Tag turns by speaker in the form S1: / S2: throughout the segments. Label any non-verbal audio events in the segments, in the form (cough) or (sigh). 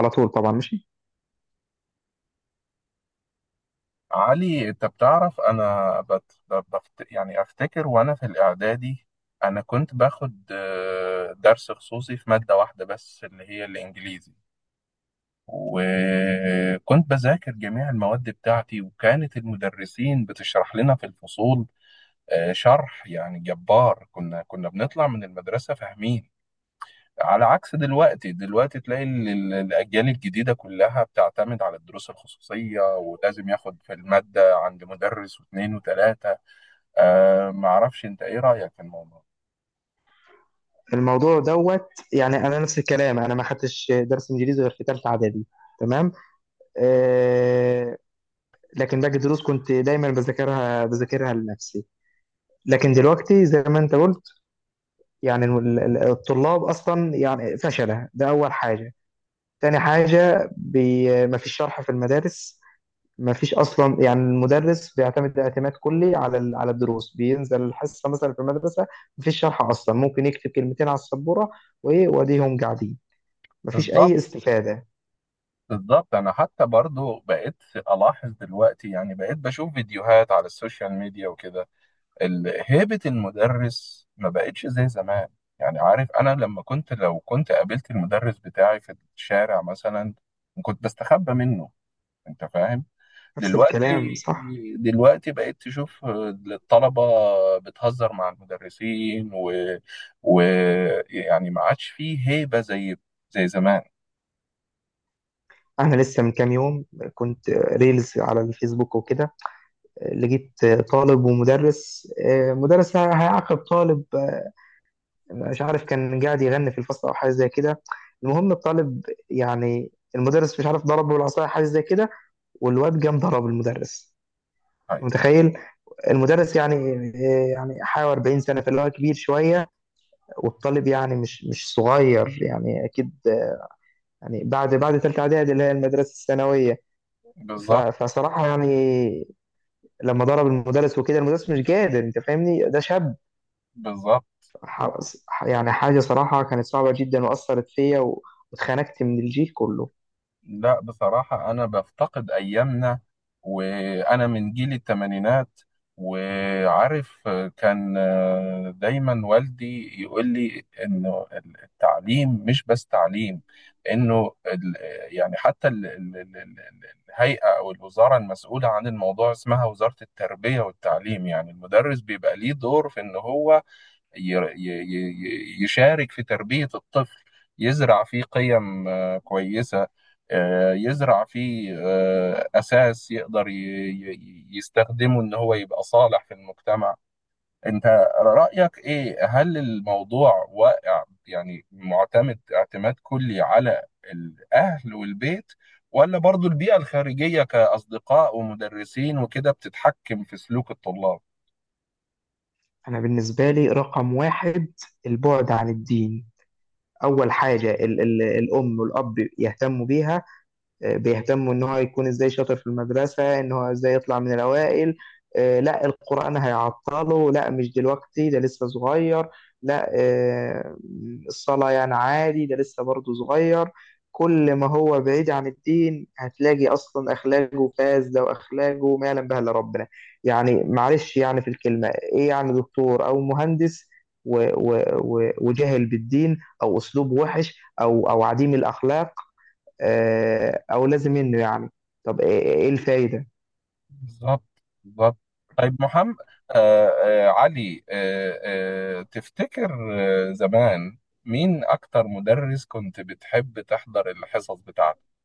S1: على طول طبعا، ماشي.
S2: علي، انت بتعرف، انا يعني افتكر وانا في الاعدادي. انا كنت باخد درس خصوصي في مادة واحدة بس اللي هي الانجليزي. وكنت بذاكر جميع المواد بتاعتي، وكانت المدرسين بتشرح لنا في الفصول. شرح يعني جبار. كنا بنطلع من المدرسة فاهمين. على عكس دلوقتي. دلوقتي تلاقي الأجيال الجديدة كلها بتعتمد على الدروس الخصوصية، ولازم ياخد في المادة عند مدرس واثنين وثلاثة. معرفش، أنت إيه رأيك في الموضوع؟
S1: الموضوع دوت. يعني انا نفس الكلام، انا ما خدتش درس انجليزي غير في ثالثه اعدادي. تمام. آه. لكن باقي الدروس كنت دايما بذاكرها لنفسي. لكن دلوقتي زي ما انت قلت، يعني الطلاب اصلا يعني فشله، ده اول حاجه. تاني حاجة مفيش شرح في المدارس. مفيش أصلا، يعني المدرس بيعتمد اعتماد كلي على على الدروس، بينزل الحصة مثلا في المدرسة مفيش شرح أصلا، ممكن يكتب كلمتين على السبورة وإيه وأديهم قاعدين، مفيش
S2: بالظبط.
S1: أي استفادة.
S2: بالظبط، أنا حتى برضو بقيت ألاحظ دلوقتي، يعني بقيت بشوف فيديوهات على السوشيال ميديا وكده. هيبة المدرس ما بقتش زي زمان. يعني عارف، أنا لما كنت لو كنت قابلت المدرس بتاعي في الشارع مثلا، كنت بستخبى منه. أنت فاهم؟
S1: نفس
S2: دلوقتي،
S1: الكلام، صح.
S2: دلوقتي بقيت تشوف الطلبة بتهزر مع المدرسين، ويعني ما عادش فيه هيبة زي زمان.
S1: أنا لسه من كام يوم كنت ريلز على الفيسبوك وكده، لقيت طالب ومدرس، مدرس هيعاقب طالب، مش عارف كان قاعد يغني في الفصل او حاجه زي كده. المهم الطالب، يعني المدرس مش عارف ضربه بالعصايه حاجه زي كده، والواد قام ضرب المدرس.
S2: أيوة.
S1: متخيل؟ المدرس يعني يعني حوالي 40 سنه، فاللي هو كبير شويه، والطالب يعني مش صغير يعني اكيد، يعني بعد ثالثه اعدادي اللي هي المدرسه الثانويه.
S2: بالظبط.
S1: فصراحه يعني لما ضرب المدرس وكده المدرس مش قادر، انت فاهمني؟ ده شاب.
S2: بالظبط،
S1: يعني حاجه صراحه كانت صعبه جدا واثرت فيا واتخنقت من الجيل كله.
S2: لا بصراحة أنا بفتقد أيامنا. وأنا من جيل التمانينات. وعارف، كان دايما والدي يقول لي إنه التعليم مش بس تعليم. إنه يعني حتى الهيئة أو الوزارة المسؤولة عن الموضوع اسمها وزارة التربية والتعليم. يعني المدرس بيبقى ليه دور في إن هو يشارك في تربية الطفل. يزرع فيه قيم كويسة. يزرع فيه أساس يقدر يستخدمه إن هو يبقى صالح في المجتمع. أنت رأيك إيه؟ هل الموضوع واقع، يعني معتمد اعتماد كلي على الأهل والبيت، ولا برضو البيئة الخارجية كأصدقاء ومدرسين وكده بتتحكم في سلوك الطلاب؟
S1: أنا بالنسبة لي رقم واحد البعد عن الدين. أول حاجة ال الأم والأب يهتموا بيها، بيهتموا ان هو يكون ازاي شاطر في المدرسة، ان هو ازاي يطلع من الاوائل. لا، القرآن هيعطله، لا مش دلوقتي ده لسه صغير، لا الصلاة يعني عادي ده لسه برضه صغير. كل ما هو بعيد عن الدين هتلاقي اصلا اخلاقه فاسده، واخلاقه ما يعلم بها الا ربنا. يعني معلش، يعني في الكلمه ايه، يعني دكتور او مهندس و- وجاهل بالدين او اسلوب وحش او او عديم الاخلاق، او لازم منه يعني، طب ايه إيه الفايده؟
S2: بالظبط. بالظبط، طيب محمد، علي، تفتكر زمان، مين أكتر مدرس كنت بتحب تحضر الحصص بتاعته؟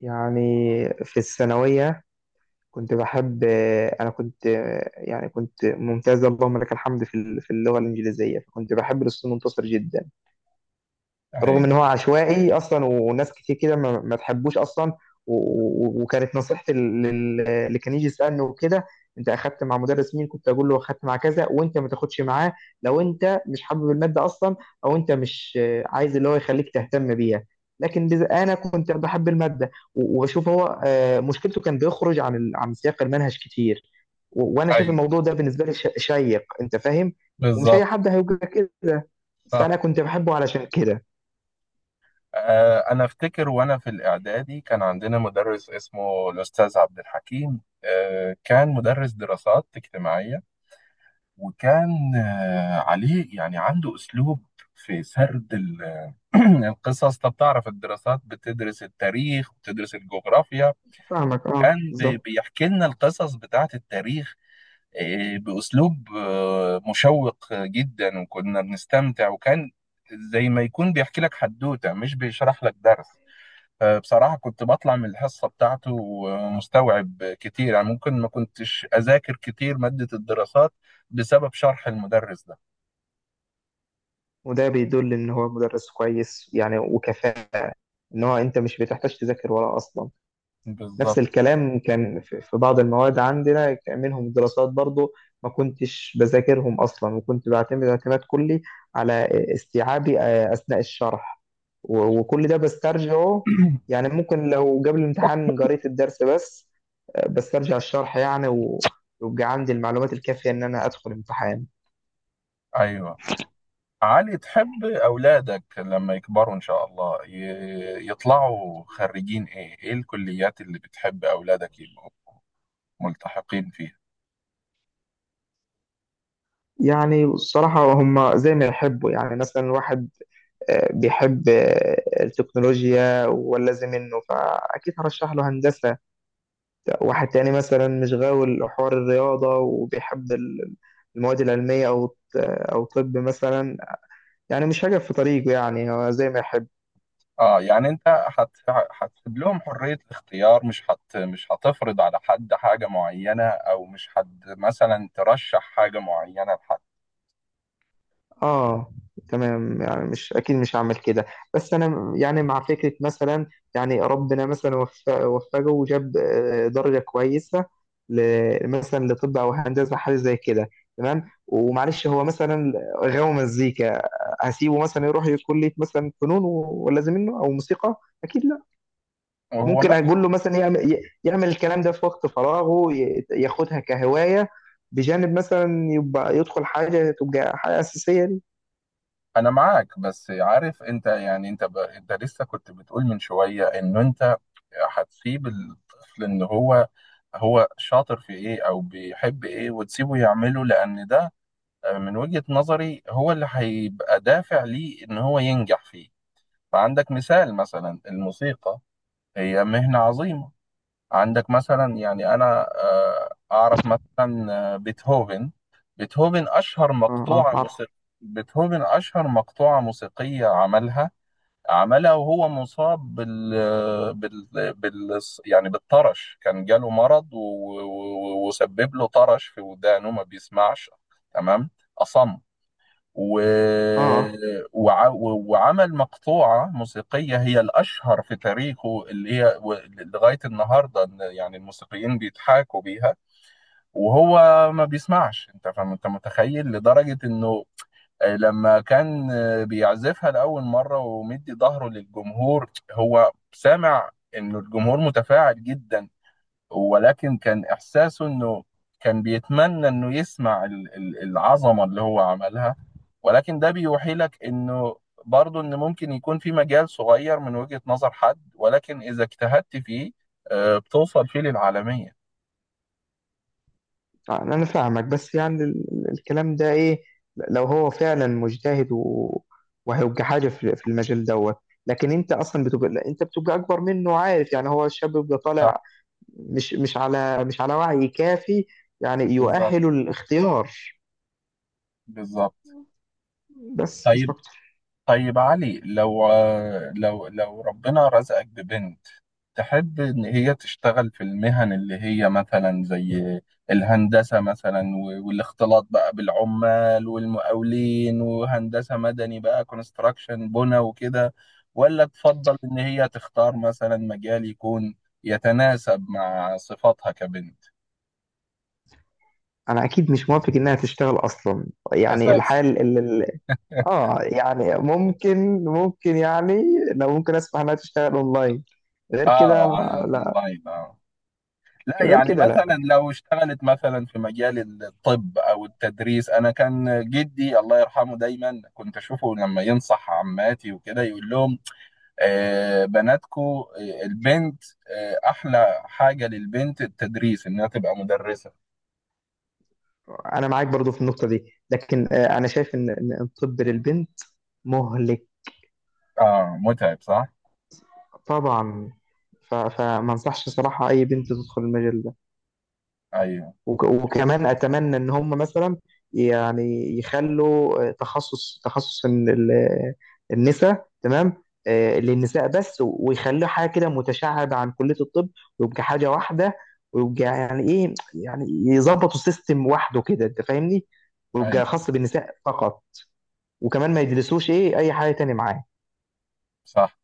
S1: يعني في الثانويه كنت بحب، انا كنت يعني كنت ممتاز اللهم لك الحمد في في اللغه الانجليزيه، فكنت بحب الاستاذ منتصر جدا. رغم
S2: أيوه.
S1: ان هو عشوائي اصلا وناس كتير كده ما تحبوش اصلا. و- وكانت نصيحتي اللي كان يجي يسالني وكده، انت اخدت مع مدرس مين، كنت اقول له اخدت مع كذا وانت ما تاخدش معاه، لو انت مش حابب الماده اصلا او انت مش عايز اللي هو يخليك تهتم بيها. لكن انا كنت بحب الماده واشوف هو مشكلته كان بيخرج عن عن سياق المنهج كتير، وانا شايف
S2: أيوه،
S1: الموضوع ده بالنسبه لي شيق، انت فاهم؟ ومش
S2: بالظبط.
S1: اي حد هيبقى كده،
S2: صح.
S1: فانا كنت بحبه علشان كده.
S2: أنا أفتكر وأنا في الإعدادي كان عندنا مدرس اسمه الأستاذ عبد الحكيم، كان مدرس دراسات اجتماعية. وكان عليه يعني عنده أسلوب في سرد (clears throat) القصص. طب تعرف، الدراسات بتدرس التاريخ وبتدرس الجغرافيا.
S1: فاهمك، اه،
S2: كان
S1: بالظبط.
S2: بيحكي لنا القصص بتاعت التاريخ، بأسلوب مشوق جدا، وكنا بنستمتع. وكان زي ما يكون بيحكي لك حدوتة، مش بيشرح لك درس. فبصراحة كنت بطلع من الحصة بتاعته مستوعب كتير، يعني ممكن ما كنتش أذاكر كتير مادة الدراسات، بسبب شرح المدرس ده.
S1: وده بيدل ان هو مدرس كويس يعني وكفاءة، ان هو انت مش بتحتاج تذاكر وراه اصلا. نفس
S2: بالظبط.
S1: الكلام كان في بعض المواد عندنا، كان منهم دراسات برضو، ما كنتش بذاكرهم اصلا، وكنت بعتمد اعتماد كلي على استيعابي اثناء الشرح، وكل ده بسترجعه. يعني
S2: (clears throat)
S1: ممكن لو قبل الامتحان قريت الدرس بس، بسترجع الشرح يعني، ويبقى عندي المعلومات الكافية ان انا ادخل امتحان.
S2: أيوه. علي، تحب أولادك لما يكبروا إن شاء الله يطلعوا خريجين إيه؟ إيه الكليات اللي بتحب أولادك يبقوا ملتحقين فيها؟
S1: يعني الصراحة هم زي ما يحبوا، يعني مثلا واحد بيحب التكنولوجيا ولازم منه، فأكيد هرشح له هندسة. واحد تاني مثلا مش غاوي حوار الرياضة وبيحب المواد العلمية أو أو طب مثلا، يعني مش هجف في طريقه، يعني هو زي ما يحب.
S2: يعني أنت هتسيب لهم حرية الاختيار، مش هتفرض على حد حاجة معينة، أو مش حد مثلا ترشح حاجة معينة لحد؟
S1: اه. تمام، يعني مش، اكيد مش هعمل كده، بس انا يعني مع فكره مثلا، يعني ربنا مثلا وفقه وجاب درجه كويسه، مثلا لطب او هندسه حاجه زي كده، تمام، ومعلش هو مثلا غاوي مزيكا، هسيبه مثلا يروح كليه مثلا فنون ولا زي منه او موسيقى، اكيد لا.
S2: وهو
S1: ممكن
S2: ماشي.
S1: اقول له مثلا يعمل يعمل الكلام ده في وقت فراغه، ياخدها كهوايه بجانب مثلا يبقى يدخل حاجه تبقى حاجه اساسيه.
S2: أنا معاك، بس عارف أنت، يعني أنت أنت لسه كنت بتقول من شوية إنه أنت هتسيب الطفل ان هو شاطر في ايه او بيحب ايه، وتسيبه يعمله، لان ده من وجهة نظري هو اللي هيبقى دافع ليه ان هو ينجح فيه. فعندك مثال مثلا الموسيقى، هي مهنة عظيمة. عندك مثلا، يعني انا اعرف مثلا بيتهوفن. بيتهوفن اشهر
S1: اه، اه،
S2: مقطوعة
S1: عارف.
S2: موسيقى بيتهوفن اشهر مقطوعة موسيقية عملها. عملها وهو مصاب بال... بال... بال يعني بالطرش. كان جاله مرض وسبب له طرش في ودانه، ما بيسمعش. تمام. أصم و...
S1: اه،
S2: وع... وعمل مقطوعة موسيقية هي الأشهر في تاريخه اللي هي لغاية النهاردة إن يعني الموسيقيين بيضحكوا بيها. وهو ما بيسمعش. أنت فاهم؟ أنت متخيل لدرجة إنه لما كان بيعزفها لأول مرة ومدي ظهره للجمهور، هو سامع إنه الجمهور متفاعل جدا. ولكن كان إحساسه إنه كان بيتمنى إنه يسمع العظمة اللي هو عملها. ولكن ده بيوحي لك إنه برضه إن ممكن يكون في مجال صغير من وجهة نظر حد، ولكن إذا اجتهدت فيه بتوصل فيه للعالمية.
S1: اه، انا فاهمك، بس يعني الكلام ده ايه، لو هو فعلا مجتهد وهيبقى حاجه في المجال دوت، لكن انت اصلا بتبقى، لا، انت بتبقى اكبر منه، عارف يعني؟ هو الشاب بيبقى
S2: صح.
S1: طالع مش على وعي كافي يعني
S2: بالظبط.
S1: يؤهله للاختيار،
S2: بالظبط،
S1: بس مش
S2: طيب.
S1: اكتر.
S2: طيب علي، لو ربنا رزقك ببنت، تحب إن هي تشتغل في المهن اللي هي مثلا زي الهندسة مثلا، والاختلاط بقى بالعمال والمقاولين، وهندسة مدني بقى كونستراكشن بنا وكده، ولا تفضل إن هي تختار مثلا مجال يكون يتناسب مع صفاتها كبنت؟
S1: انا اكيد مش موافق انها تشتغل اصلا. يعني
S2: أساسي.
S1: الحال
S2: (laughs)
S1: اه، يعني ممكن يعني لو ممكن اسمح انها تشتغل اونلاين، غير كده
S2: آه، على
S1: لا.
S2: الأونلاين. لا،
S1: غير
S2: يعني
S1: كده لا.
S2: مثلا لو اشتغلت مثلا في مجال الطب او التدريس، انا كان جدي الله يرحمه دايما كنت اشوفه لما ينصح عماتي وكده يقول لهم: بناتكو، البنت، احلى حاجة للبنت التدريس، انها تبقى مدرسة.
S1: انا معاك برضو في النقطه دي، لكن انا شايف ان ان الطب للبنت مهلك.
S2: اه، متعب. صح.
S1: طبعا. فما انصحش صراحه اي بنت تدخل المجال ده.
S2: ايوه.
S1: وكمان اتمنى ان هم مثلا يعني يخلوا تخصص النساء، تمام، للنساء بس، ويخلوا حاجه كده متشعبه عن كليه الطب، ويبقى حاجه واحده، ويبقى يعني ايه، يعني يظبطوا سيستم وحده كده، انت فاهمني؟
S2: ايوه،
S1: ويبقى خاص بالنساء فقط، وكمان ما يدرسوش ايه اي حاجه تاني معاه.
S2: صح.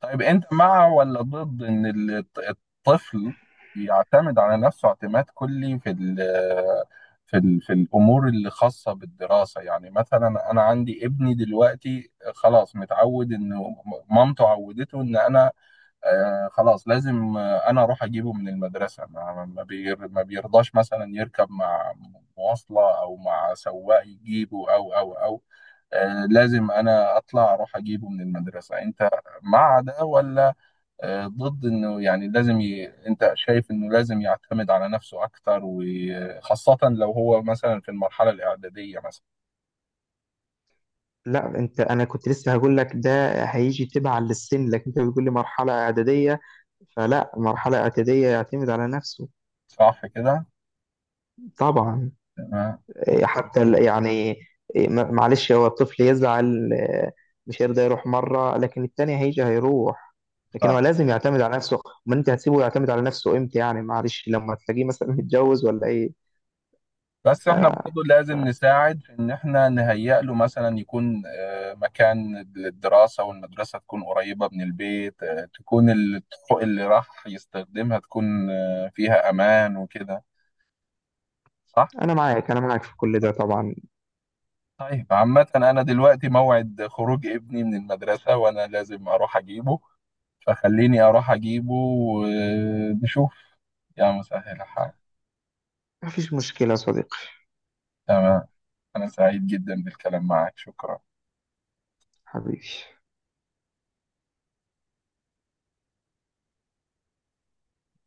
S2: طيب انت مع ولا ضد ان الطفل يعتمد على نفسه اعتماد كلي في الامور اللي خاصه بالدراسه؟ يعني مثلا انا عندي ابني دلوقتي خلاص متعود انه مامته عودته ان انا خلاص لازم انا اروح اجيبه من المدرسه. ما بيرضاش مثلا يركب مع مواصله او مع سواق يجيبه، او او او لازم انا اطلع اروح اجيبه من المدرسه. انت مع ده ولا ضد انه؟ يعني لازم انت شايف انه لازم يعتمد على نفسه اكتر، وخاصه لو هو مثلا في المرحله الاعداديه مثلا؟
S1: لا، انت انا كنت لسه هقول لك ده، هيجي تبع للسن، لكن انت بتقول لي مرحله اعداديه، فلا مرحله اعداديه يعتمد على نفسه.
S2: صح كده.
S1: طبعا.
S2: تمام.
S1: حتى يعني معلش، هو الطفل يزعل مش هيرضى يروح مره، لكن التاني هيجي هيروح، لكن هو
S2: صح.
S1: لازم يعتمد على نفسه. امال انت هتسيبه يعتمد على نفسه امتى؟ يعني معلش لما تلاقيه مثلا متجوز ولا ايه؟
S2: بس
S1: ف...
S2: احنا برضو لازم نساعد في ان احنا نهيئ له، مثلا يكون مكان للدراسة، والمدرسة تكون قريبة من البيت، تكون الطرق اللي راح يستخدمها تكون فيها امان وكده. صح؟
S1: فانا معاك، انا معاك في كل ده طبعا.
S2: طيب عامة، انا دلوقتي موعد خروج ابني من المدرسة، وانا لازم اروح اجيبه. فخليني اروح اجيبه، ونشوف. يا مسهل الحال.
S1: مفيش مشكله يا صديقي.
S2: تمام. انا سعيد جدا بالكلام معك. شكرا.
S1: حبيبي.